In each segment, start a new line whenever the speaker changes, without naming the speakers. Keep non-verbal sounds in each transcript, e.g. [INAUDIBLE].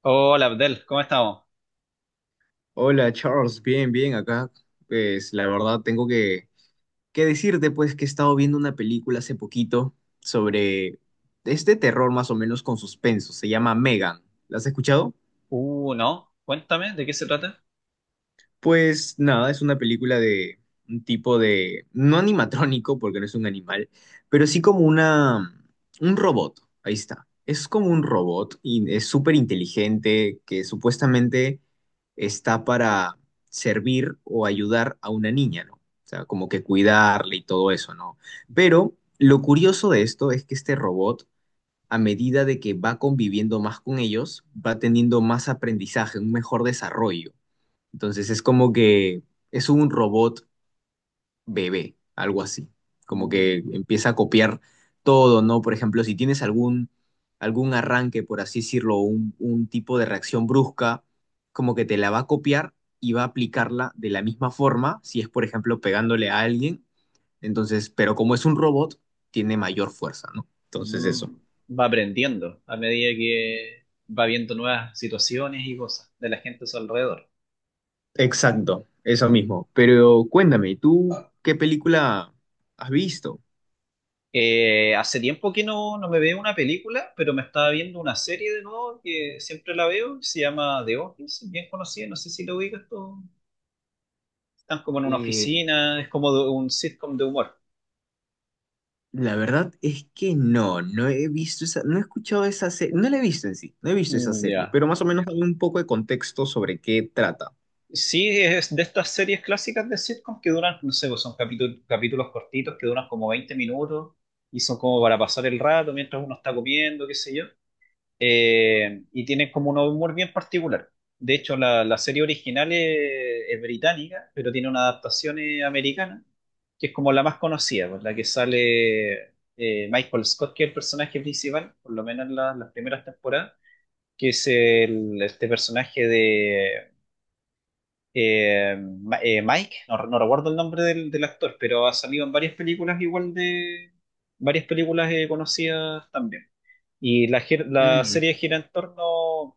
Hola Abdel, ¿cómo estamos?
Hola Charles, bien, bien, acá. Pues la verdad que decirte pues que he estado viendo una película hace poquito sobre este terror más o menos con suspenso, se llama Megan. ¿La has escuchado?
No, cuéntame, ¿de qué se trata?
Pues nada, es una película de un tipo de, no animatrónico porque no es un animal, pero sí como una, un robot, ahí está. Es como un robot y es súper inteligente que supuestamente está para servir o ayudar a una niña, ¿no? O sea, como que cuidarle y todo eso, ¿no? Pero lo curioso de esto es que este robot, a medida de que va conviviendo más con ellos, va teniendo más aprendizaje, un mejor desarrollo. Entonces es como que es un robot bebé, algo así. Como que
Mm,
empieza a copiar todo, ¿no? Por ejemplo, si tienes algún arranque, por así decirlo, un tipo de reacción brusca, como que te la va a copiar y va a aplicarla de la misma forma, si es, por ejemplo, pegándole a alguien. Entonces, pero como es un robot, tiene mayor fuerza, ¿no? Entonces eso.
mm. Va aprendiendo a medida que va viendo nuevas situaciones y cosas de la gente a su alrededor.
Exacto, eso
Mm.
mismo. Pero cuéntame, ¿tú qué película has visto?
Hace tiempo que no me veo una película, pero me estaba viendo una serie de nuevo que siempre la veo, se llama The Office, bien conocida, no sé si lo ubicas tú. Están como en una
Eh,
oficina, es como un sitcom de humor.
La verdad es que no he visto esa, no he escuchado esa serie, no la he visto en sí, no he visto esa
Mm,
serie,
ya.
pero más o menos dame un poco de contexto sobre qué trata.
Sí, es de estas series clásicas de sitcom que duran, no sé, pues son capítulos, capítulos cortitos que duran como 20 minutos y son como para pasar el rato mientras uno está comiendo, qué sé yo. Y tienen como un humor bien particular. De hecho, la serie original es británica, pero tiene una adaptación americana, que es como la más conocida, pues, la que sale Michael Scott, que es el personaje principal, por lo menos en las primeras temporadas, que es el, este personaje de eh, Mike, no, no recuerdo el nombre del actor, pero ha salido en varias películas igual de varias películas conocidas también. Y la
Mm.
serie gira en torno,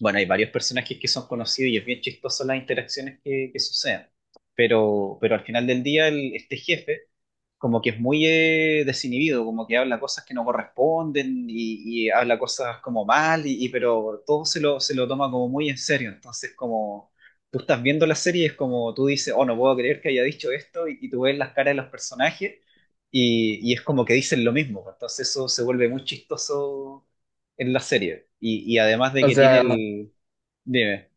bueno, hay varios personajes que son conocidos y es bien chistoso las interacciones que suceden. Pero al final del día, este jefe como que es muy desinhibido, como que habla cosas que no corresponden y habla cosas como mal, pero todo se se lo toma como muy en serio. Entonces, como tú estás viendo la serie, es como tú dices, oh, no puedo creer que haya dicho esto, y tú ves las caras de los personajes y es como que dicen lo mismo. Entonces, eso se vuelve muy chistoso en la serie. Y además de
O
que tiene
sea,
el... Dime.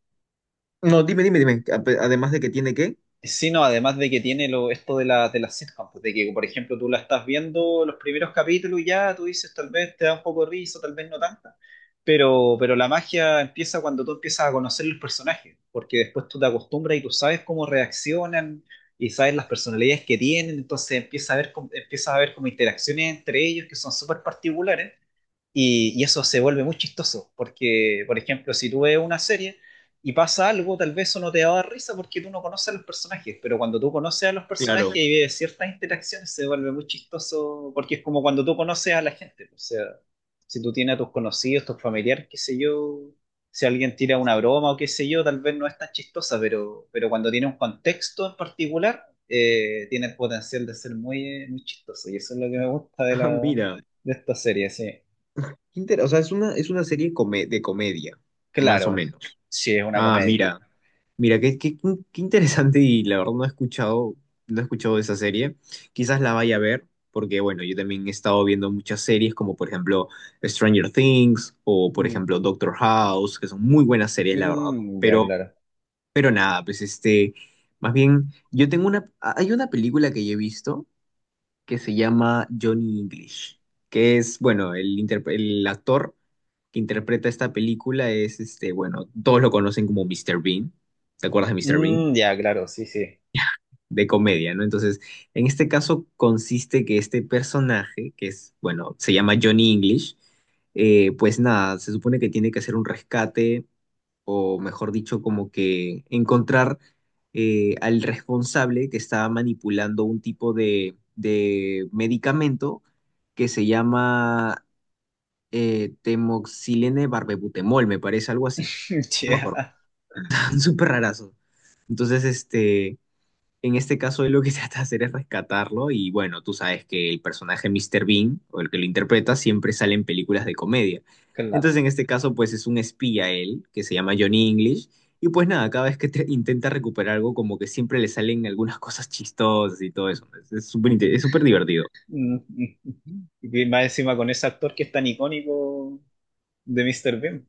no, dime, dime, dime, ape- además de que tiene qué.
Sí, no, además de que tiene lo, esto de de la sitcom, pues, de que, por ejemplo, tú la estás viendo los primeros capítulos y ya, tú dices, tal vez te da un poco de risa, tal vez no tanta, pero la magia empieza cuando tú empiezas a conocer los personajes, porque después tú te acostumbras y tú sabes cómo reaccionan y sabes las personalidades que tienen, entonces empiezas a ver, empiezas a ver como interacciones entre ellos que son súper particulares y eso se vuelve muy chistoso, porque, por ejemplo, si tú ves una serie y pasa algo, tal vez eso no te va a dar risa porque tú no conoces a los personajes, pero cuando tú conoces a los
Claro.
personajes y
[LAUGHS]
ves ciertas interacciones, se vuelve muy chistoso, porque es como cuando tú conoces a la gente. O sea, si tú tienes a tus conocidos, tus familiares, qué sé yo, si alguien tira una broma o qué sé yo, tal vez no es tan chistosa, pero cuando tiene un contexto en particular, tiene el potencial de ser muy, muy chistoso. Y eso es lo que me gusta
Ah, mira,
de esta serie, sí.
inter- o sea, es una serie come- de comedia, más o
Claro,
menos.
sí, es una
Ah,
comedia.
mira, mira, qué, qué, qué interesante y la verdad no he escuchado, no he escuchado de esa serie. Quizás la vaya a ver, porque bueno, yo también he estado viendo muchas series como por ejemplo Stranger Things o por
Mm,
ejemplo Doctor House, que son muy buenas series, la verdad.
mm, ya,
Pero,
claro.
pero nada, pues este, más bien, yo tengo una, hay una película que yo he visto que se llama Johnny English, que es, bueno, el, interpre- el actor que interpreta esta película es, este, bueno, todos lo conocen como Mr. Bean. ¿Te acuerdas de Mr. Bean?
Mm, ya, claro, sí, sí.
[LAUGHS] De comedia, ¿no? Entonces, en este caso consiste que este personaje, que es, bueno, se llama Johnny English, pues nada, se supone que tiene que hacer un rescate, o mejor dicho, como que encontrar al responsable que estaba manipulando un tipo de medicamento que se llama temoxilene barbebutemol, me parece algo así,
[LAUGHS]
no me acuerdo,
Ya,
[LAUGHS] súper rarazo. Entonces, este, en este caso él lo que [LAUGHS] trata de hacer es rescatarlo y bueno, tú sabes que el personaje Mr. Bean, o el que lo interpreta, siempre sale en películas de comedia.
claro.
Entonces, en este caso, pues es un espía él, que se llama Johnny English, y pues nada, cada vez que te- intenta recuperar algo, como que siempre le salen algunas cosas chistosas y todo eso. Es súper inte- es súper divertido.
Mm, mm, mm. Y más encima con ese actor que es tan icónico de Mr. Bean.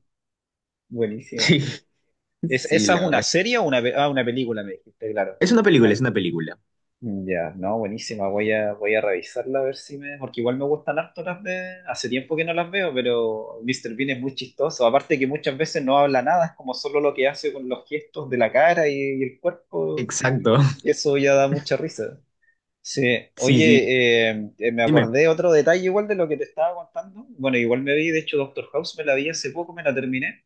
Sí,
Buenísimo.
[LAUGHS]
¿Es,
sí,
esa es
la
una
verdad es.
serie o una, una película, me dijiste, claro.
Es una película, es que una película.
Ya, no, buenísima. Voy a, voy a revisarla a ver si me. Porque igual me gustan harto las de. Hace tiempo que no las veo, pero Mr. Bean es muy chistoso. Aparte que muchas veces no habla nada, es como solo lo que hace con los gestos de la cara y el cuerpo.
Exacto. [LAUGHS]
Y eso ya da mucha risa. Sí,
Sí, sí.
oye, me
Dime.
acordé otro detalle igual de lo que te estaba contando. Bueno, igual me vi, de hecho, Doctor House me la vi hace poco, me la terminé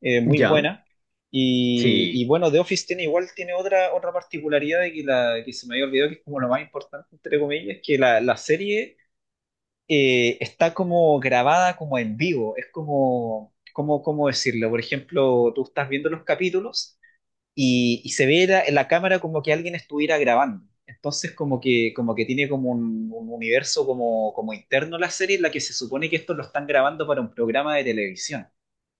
muy
¿Ya?
buena. Y
Sí.
bueno, The Office tiene igual, tiene otra, otra particularidad de que, la, que se me había olvidado, que es como lo más importante, entre comillas, que la serie está como grabada como en vivo. Es como, como, ¿cómo decirlo? Por ejemplo, tú estás viendo los capítulos y se ve la cámara como que alguien estuviera grabando. Entonces como que tiene como un universo como, como interno la serie en la que se supone que esto lo están grabando para un programa de televisión,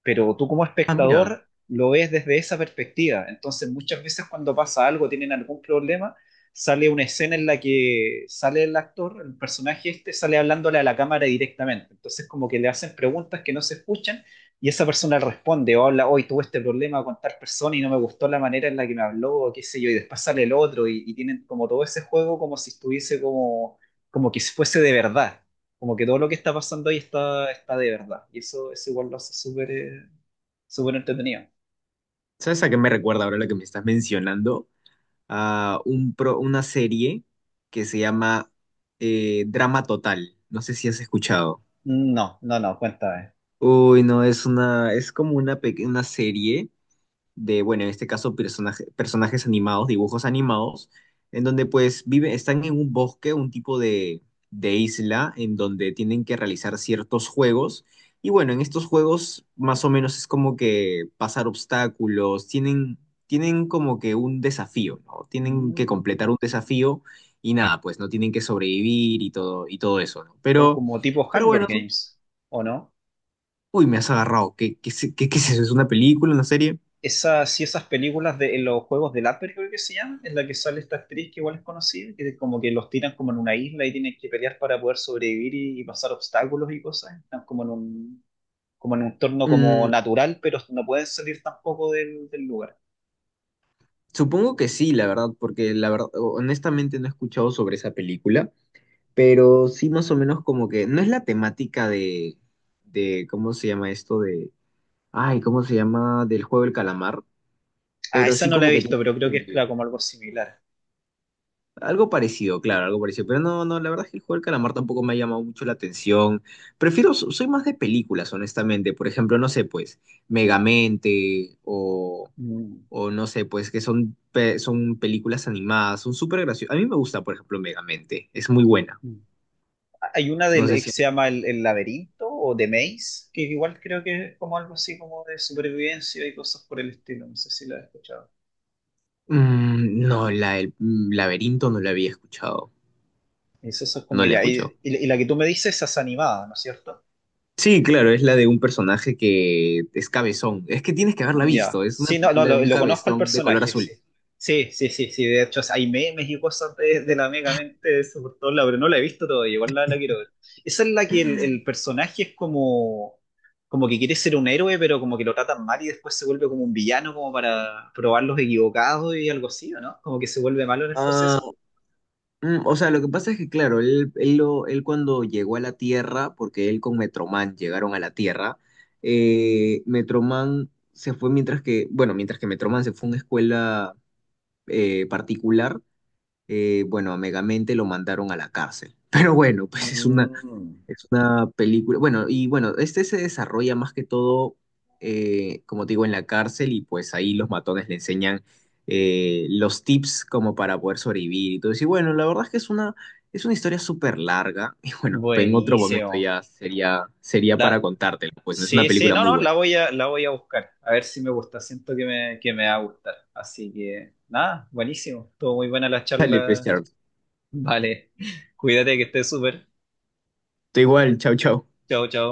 pero tú como
Ah, mira.
espectador lo ves desde esa perspectiva. Entonces muchas veces cuando pasa algo, tienen algún problema, sale una escena en la que sale el actor, el personaje este, sale hablándole a la cámara directamente. Entonces como que le hacen preguntas que no se escuchan y esa persona responde o habla, hoy tuve este problema con tal persona y no me gustó la manera en la que me habló, o qué sé yo, y después sale el otro y tienen como todo ese juego como si estuviese como, como que fuese de verdad. Como que todo lo que está pasando ahí está, está de verdad. Y eso igual lo hace súper súper entretenido.
¿Sabes a qué me recuerda ahora lo que me estás mencionando? A un pro- una serie que se llama Drama Total. No sé si has escuchado.
No, cuéntame.
Uy, no, es una, es como una pequeña serie de, bueno, en este caso personaje- personajes animados, dibujos animados, en donde pues viven, están en un bosque, un tipo de isla, en donde tienen que realizar ciertos juegos. Y bueno, en estos juegos más o menos es como que pasar obstáculos, tienen, tienen como que un desafío, ¿no? Tienen que
Mm.
completar un desafío y nada, pues no tienen que sobrevivir y todo eso, ¿no?
Como, tipo
Pero
Hunger
bueno,
Games, ¿o no?
uy, me has agarrado. Qué, qué es eso? ¿Es una película, una serie?
Esas, sí, esas películas de en los juegos del hambre, creo que se llaman, en la que sale esta actriz que igual es conocida, que como que los tiran como en una isla y tienen que pelear para poder sobrevivir y pasar obstáculos y cosas. Están como en un entorno como
Mm,
natural, pero no pueden salir tampoco del lugar.
supongo que sí, la verdad, porque la verdad, honestamente no he escuchado sobre esa película, pero sí más o menos como que no es la temática de ¿cómo se llama esto? De, ay, ¿cómo se llama? Del juego del calamar,
Ah,
pero
esa
sí
no la
como
he
que
visto, pero creo que es
tiene,
claro, como algo similar.
algo parecido, claro, algo parecido. Pero no, la verdad es que el juego del calamar tampoco me ha llamado mucho la atención. Prefiero, so- soy más de películas, honestamente. Por ejemplo, no sé, pues, Megamente
Mm,
o no sé, pues, que son, pe- son películas animadas, son súper graciosas. A mí me gusta, por ejemplo, Megamente, es muy buena.
mm. Hay una
No
del,
sé
que
si...
se llama El Laberinto o The Maze, que igual creo que es como algo así como de supervivencia y cosas por el estilo. No sé si la has escuchado.
Mm, no, la del mm, laberinto no la había escuchado.
Es, eso es como
No la
ya.
escuchó.
Y la que tú me dices, esa es animada, ¿no es cierto?
Sí, claro, es la de un personaje que es cabezón. Es que tienes que haberla
Ya.
visto, es una
Sí, no, no,
película de un sí,
lo conozco el
cabezón de color
personaje, sí.
azul.
Sí, sí, sí, sí. De hecho, hay memes y cosas de la Mega Mente de eso por todos lados, pero no la he visto todavía, igual la quiero ver. Esa es la que el personaje es como, como que quiere ser un héroe, pero como que lo tratan mal y después se vuelve como un villano, como para probar los equivocados y algo así, ¿o no? Como que se vuelve malo en el
Ah,
proceso.
mm, o sea, lo que pasa es que, claro, él cuando llegó a la Tierra, porque él con Metroman llegaron a la Tierra, Metroman se fue mientras que, bueno, mientras que Metroman se fue a una escuela particular, bueno, a Megamente lo mandaron a la cárcel. [LAUGHS] Pero bueno, pues
Mm,
es una película. Bueno, y bueno, este se desarrolla más que todo, como te digo, en la cárcel y pues ahí los matones le enseñan los tips como para poder sobrevivir y todo eso. Y bueno, la verdad es que es una historia súper larga [LAUGHS] y bueno, pues, en otro momento
buenísimo.
ya sería, sería para
La,
contártela. Pues no es una
sí, sí,
película
no,
muy
no,
buena.
la voy a buscar. A ver si me gusta. Siento que me va a gustar. Así que, nada, buenísimo. Estuvo muy buena la
Dale, pues,
charla.
Charles.
Vale. [LAUGHS] Cuídate que estés súper.
Tú igual, chau, chau.
Chao, chao.